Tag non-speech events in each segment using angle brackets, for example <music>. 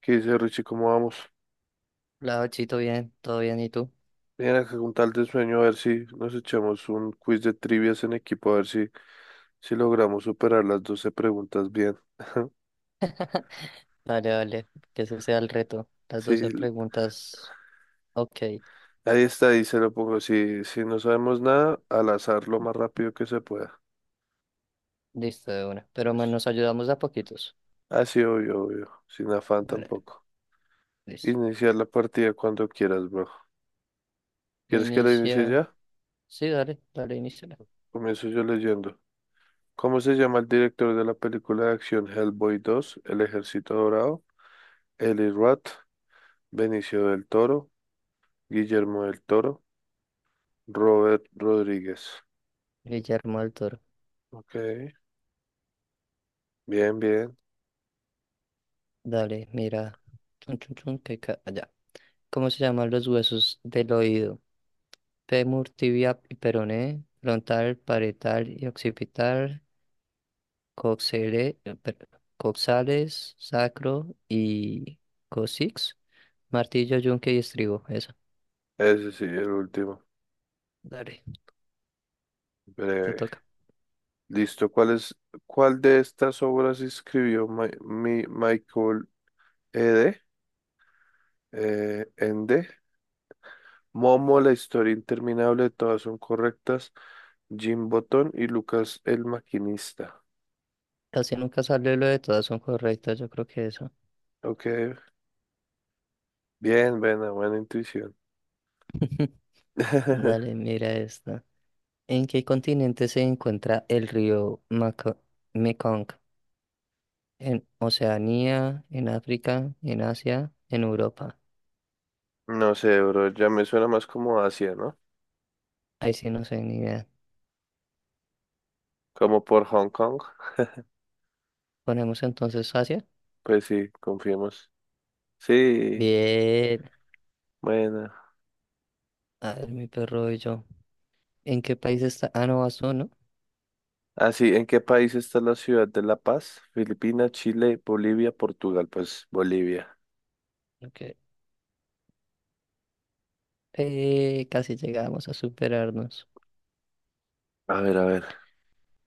¿Qué dice Richie? ¿Cómo vamos? La Ochito, bien, todo bien, ¿y tú? Bien, acá con tal de sueño, a ver si nos echamos un quiz de trivias en equipo, a ver si, si logramos superar las 12 preguntas bien. Vale, que ese sea el reto. Las Sí, 12 preguntas, ok, ahí está, ahí se lo pongo. Si, si no sabemos nada, al azar lo más rápido que se pueda. listo de una. Pero bueno, Listo. nos ayudamos de a poquitos. Ah, sí, obvio, obvio. Sin afán Vale, tampoco. listo. Iniciar la partida cuando quieras, bro. ¿Quieres que la inicie Inicia, ya? sí, dale, inicia. Comienzo yo leyendo. ¿Cómo se llama el director de la película de acción Hellboy 2, El Ejército Dorado? Eli Roth, Benicio del Toro, Guillermo del Toro, Robert Rodríguez. Guillermo del Toro, Ok, bien, bien. dale, mira, chun, chun, chun, que allá. ¿Cómo se llaman los huesos del oído? Fémur, tibia y peroné, frontal, parietal y occipital, coxere- eh, per- coxales, sacro y coccyx. Martillo, yunque y estribo, eso. Ese sí, el último. Dale, te Breve. toca. Listo. ¿Cuál de estas obras escribió Michael Ende? Ende. Momo, la historia interminable, todas son correctas. Jim Botton y Lucas el maquinista. Casi nunca sale lo de todas son correctas, yo creo que eso. Ok, bien, buena, buena intuición. <laughs> <laughs> Dale, mira esta. ¿En qué continente se encuentra el río Mekong? ¿En Oceanía, en África, en Asia, en Europa? No sé, bro, ya me suena más como Asia, ¿no? Ahí sí no sé ni idea. Como por Hong Kong. Ponemos entonces Asia. Pues sí, confiemos. Sí, Bien. bueno. A ver, mi perro y yo. ¿En qué país está? Ah, no, Azul, ¿no? Así, ¿en qué país está la ciudad de La Paz? Filipinas, Chile, Bolivia, Portugal. Pues Bolivia. Ok. Casi llegamos a superarnos. A ver, a ver.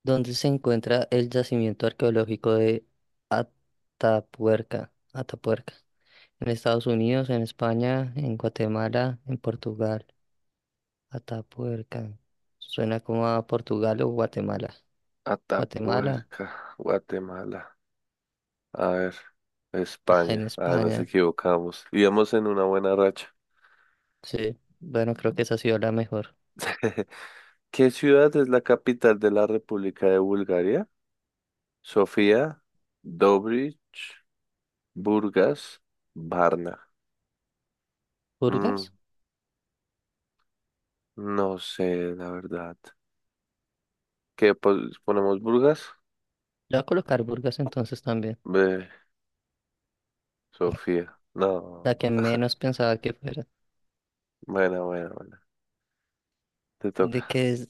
Donde se encuentra el yacimiento arqueológico de Atapuerca, en Estados Unidos, en España, en Guatemala, en Portugal. Atapuerca. Suena como a Portugal o Guatemala. Guatemala, Atapuerca, Guatemala. A ver. ah, en España. Ah, nos España. equivocamos. Íbamos en una buena racha. Sí, bueno, creo que esa ha sido la mejor. <laughs> ¿Qué ciudad es la capital de la República de Bulgaria? Sofía, Dobrich, Burgas, Varna. Mm, ¿Burgas? no sé, la verdad. ¿Ponemos Burgas? Le voy a colocar Burgas entonces también, Ve, Sofía. No. la que menos pensaba que fuera. Bueno, bueno, bueno. <laughs> Te ¿De toca. qué es,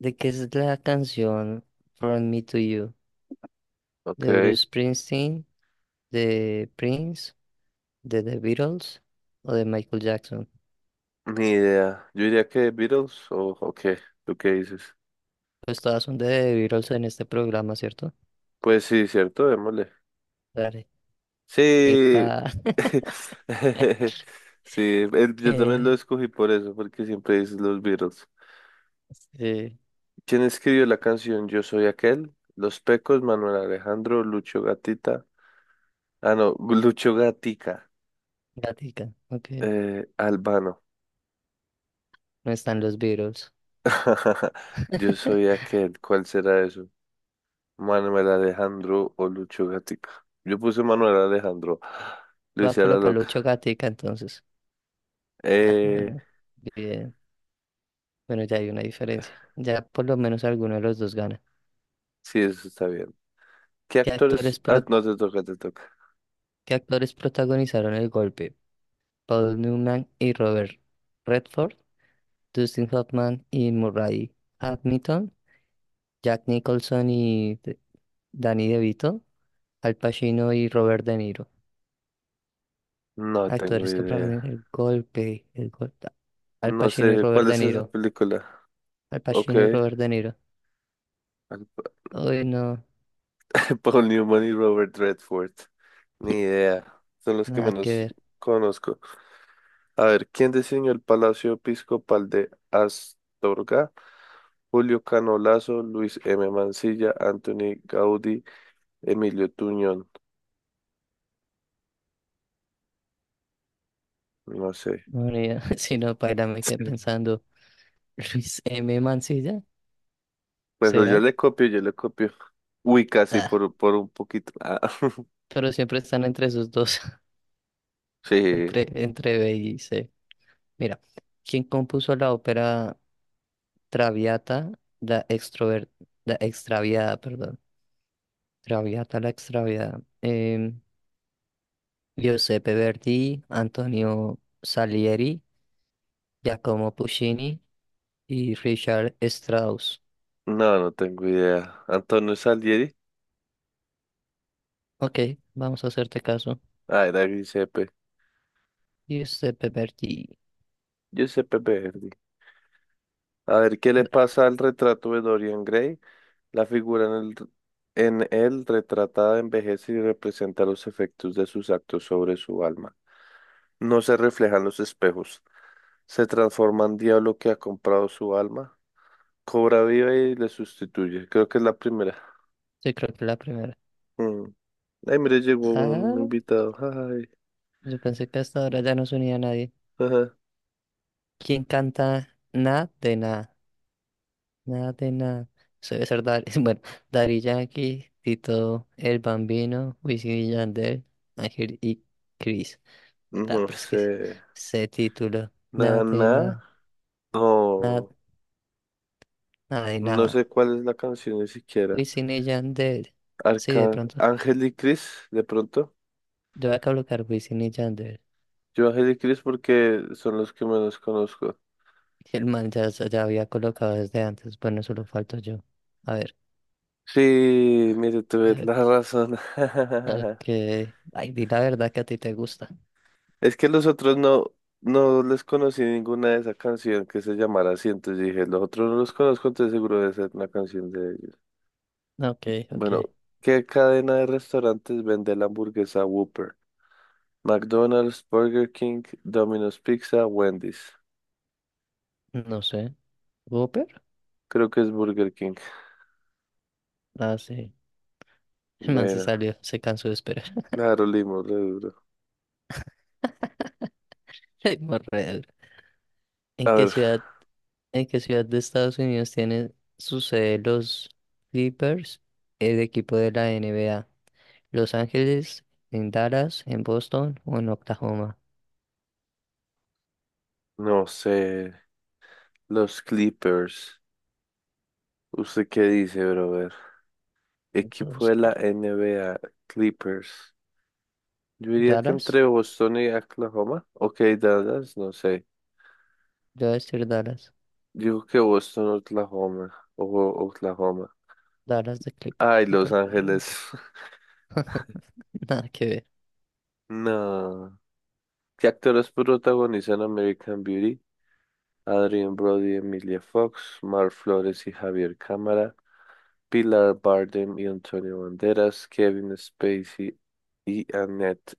¿de qué es la canción From Me to You? Ok. De Bruce Springsteen, de Prince, de The Beatles o de Michael Jackson. Ni idea. Yo diría que Beatles o qué. ¿Tú qué dices? Pues todas son de The Beatles en este programa, ¿cierto? Pues sí, cierto, démosle. Dale. Sí. Epa, <laughs> Sí, <laughs> yo también lo eh, escogí por eso, porque siempre dices los Beatles. sí, ¿Quién escribió la canción Yo soy aquel? Los Pecos, Manuel Alejandro, Lucho Gatita. Ah, no, <laughs> Lucho Gatica. gatica, ok. Albano. No están los Beatles. <laughs> Yo soy <laughs> aquel. ¿Cuál será eso? Manuel Alejandro o Lucho Gatica. Yo puse Manuel Alejandro. Lo va a hice a la colocar Loca. Lucho Gatica entonces. Ah, Eh, bueno, bien. Bueno, ya hay una diferencia. Ya por lo menos alguno de los dos gana. sí, eso está bien. ¿Qué ¿Qué actores? actores, Ah, pro- no te toca, te toca. ¿qué actores protagonizaron el golpe? Paul Newman y Robert Redford, Dustin Hoffman y Murray Hamilton, Jack Nicholson y Danny DeVito, Al Pacino y Robert De Niro. No tengo Actores que practican idea. el golpe, el golpe. Al No Pacino y sé, Robert ¿cuál De es esa Niro. película? Al Ok. Pacino y Robert De Niro. <laughs> Uy, no, Paul Newman y Robert Redford. Ni idea. Son los que nada que menos ver. conozco. A ver, ¿quién diseñó el Palacio Episcopal de Astorga? Julio Canolazo, Luis M. Mancilla, Anthony Gaudí, Emilio Tuñón. No sé. No, ni idea. <laughs> si no, para me quedé <laughs> pensando. Luis M. Mancilla, Pues yo ¿será? le copio, yo le copio. Uy, casi Ah, por un poquito. Ah, <laughs> pero siempre están entre sus dos, <laughs> sí, entre B y C. Mira, ¿quién compuso la ópera Traviata, la extrover, la extraviada, perdón? Traviata, la extraviada. Giuseppe Verdi, Antonio Salieri, Giacomo Puccini y Richard Strauss. no, no tengo idea. Antonio Salieri. Ok, vamos a hacerte caso. Ah, era Giuseppe. Giuseppe Verdi. Giuseppe Verdi. A ver, ¿qué le pasa al retrato de Dorian Gray? La figura en el, en él retratada envejece y representa los efectos de sus actos sobre su alma. No se reflejan los espejos. Se transforma en diablo que ha comprado su alma. Cobra vida y le sustituye. Creo que es la primera. Sí, creo que la primera. Mm. Ay, mire, llegó un Ah, invitado. Ay, yo pensé que hasta ahora ya no se unía a nadie. ajá. ¿Quién canta Nada de nada? Nada de nada. Eso debe ser Dari. <laughs> Bueno, Daddy Yankee, Tito El Bambino, Wisin y Yandel, Ángel y Cris. Ah, No pero es que sé. ese título. Nada de Nana. nada. Nada, No. nada de No sé nada. cuál es la canción ni siquiera. Wisin y Yandel. Sí, de Arca... pronto. Ángel y Cris, de pronto. Yo voy a colocar Wisin y Yandel. Yo Ángel y Cris porque son los que menos conozco. Y el man ya, ya había colocado desde antes. Bueno, solo falto yo. A ver. Sí, mire, tuve la Ok, razón. <laughs> ok. Ay, di la verdad que a ti te gusta. Es que los otros no, no les conocí ninguna de esa canción que se llamara así. Entonces dije, los otros no los conozco, entonces seguro debe ser una canción de ellos. Ok, ok. Bueno, ¿qué cadena de restaurantes vende la hamburguesa Whopper? McDonald's, Burger King, Domino's Pizza, Wendy's. No sé. ¿Whopper? Creo que es Burger King. Ah, sí. El man se Bueno, salió. Se cansó de esperar. claro, Limo, re duro. <laughs> Ay, morreal. ¿En A qué ver, ciudad, ¿en qué ciudad de Estados Unidos tienen su sede los Clippers, el equipo de la NBA? Los Ángeles, en Dallas, en Boston o en Oklahoma. no sé. Los Clippers. ¿Usted qué dice, brother? Equipo Entonces, de la cl- NBA, Clippers. Yo diría que Dallas, entre Boston y Oklahoma. Ok, Dallas, no sé. yo voy a decir Dallas, Digo que Boston, Oklahoma. O Oklahoma. Dallas de Clipper, Ay, Los Clipper, <laughs> Ángeles. nada que ver, <laughs> No. ¿Qué actores protagonizan American Beauty? Adrien Brody, Emilia Fox, Mar Flores y Javier Cámara, Pilar Bardem y Antonio Banderas, Kevin Spacey y Annette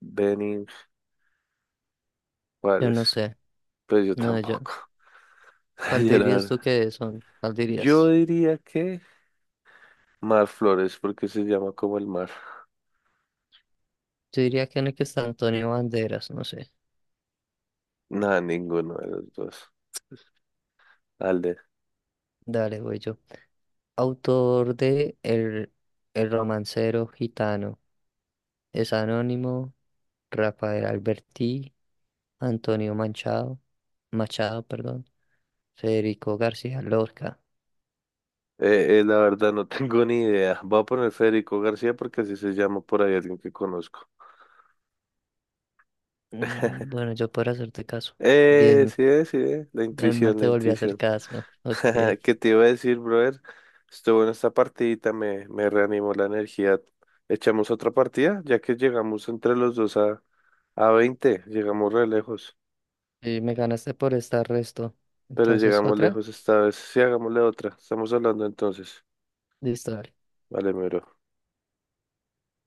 Bening. yo ¿Cuáles? no sé, Pues yo no, yo, tampoco. <laughs> ¿cuál Yo, la dirías tú verdad. que son? ¿Cuál Yo dirías? diría que Mar Flores, porque se llama como el mar. Yo diría que en el que está Antonio Banderas, no sé, Nada, ninguno de los dos. Alde. dale, güey, yo, autor de El romancero gitano, es anónimo, Rafael Alberti, Antonio Manchado, Machado, perdón, Federico García Lorca. La verdad no tengo ni idea. Voy a poner Federico García porque así se llama por ahí alguien que conozco. <laughs> Mm, bueno, yo puedo hacerte caso, bien. Sí, La El mal intuición, la te volvió a hacer intuición. caso. Ok. <laughs> ¿Qué te iba a decir, brother? Estuvo en esta partidita, me reanimó la energía. Echamos otra partida, ya que llegamos entre los dos a 20 llegamos re lejos, Y me ganaste por estar resto. pero Entonces, llegamos otra. lejos esta vez. Sí, hagámosle otra, estamos hablando entonces. Listo. Vale, mi bro.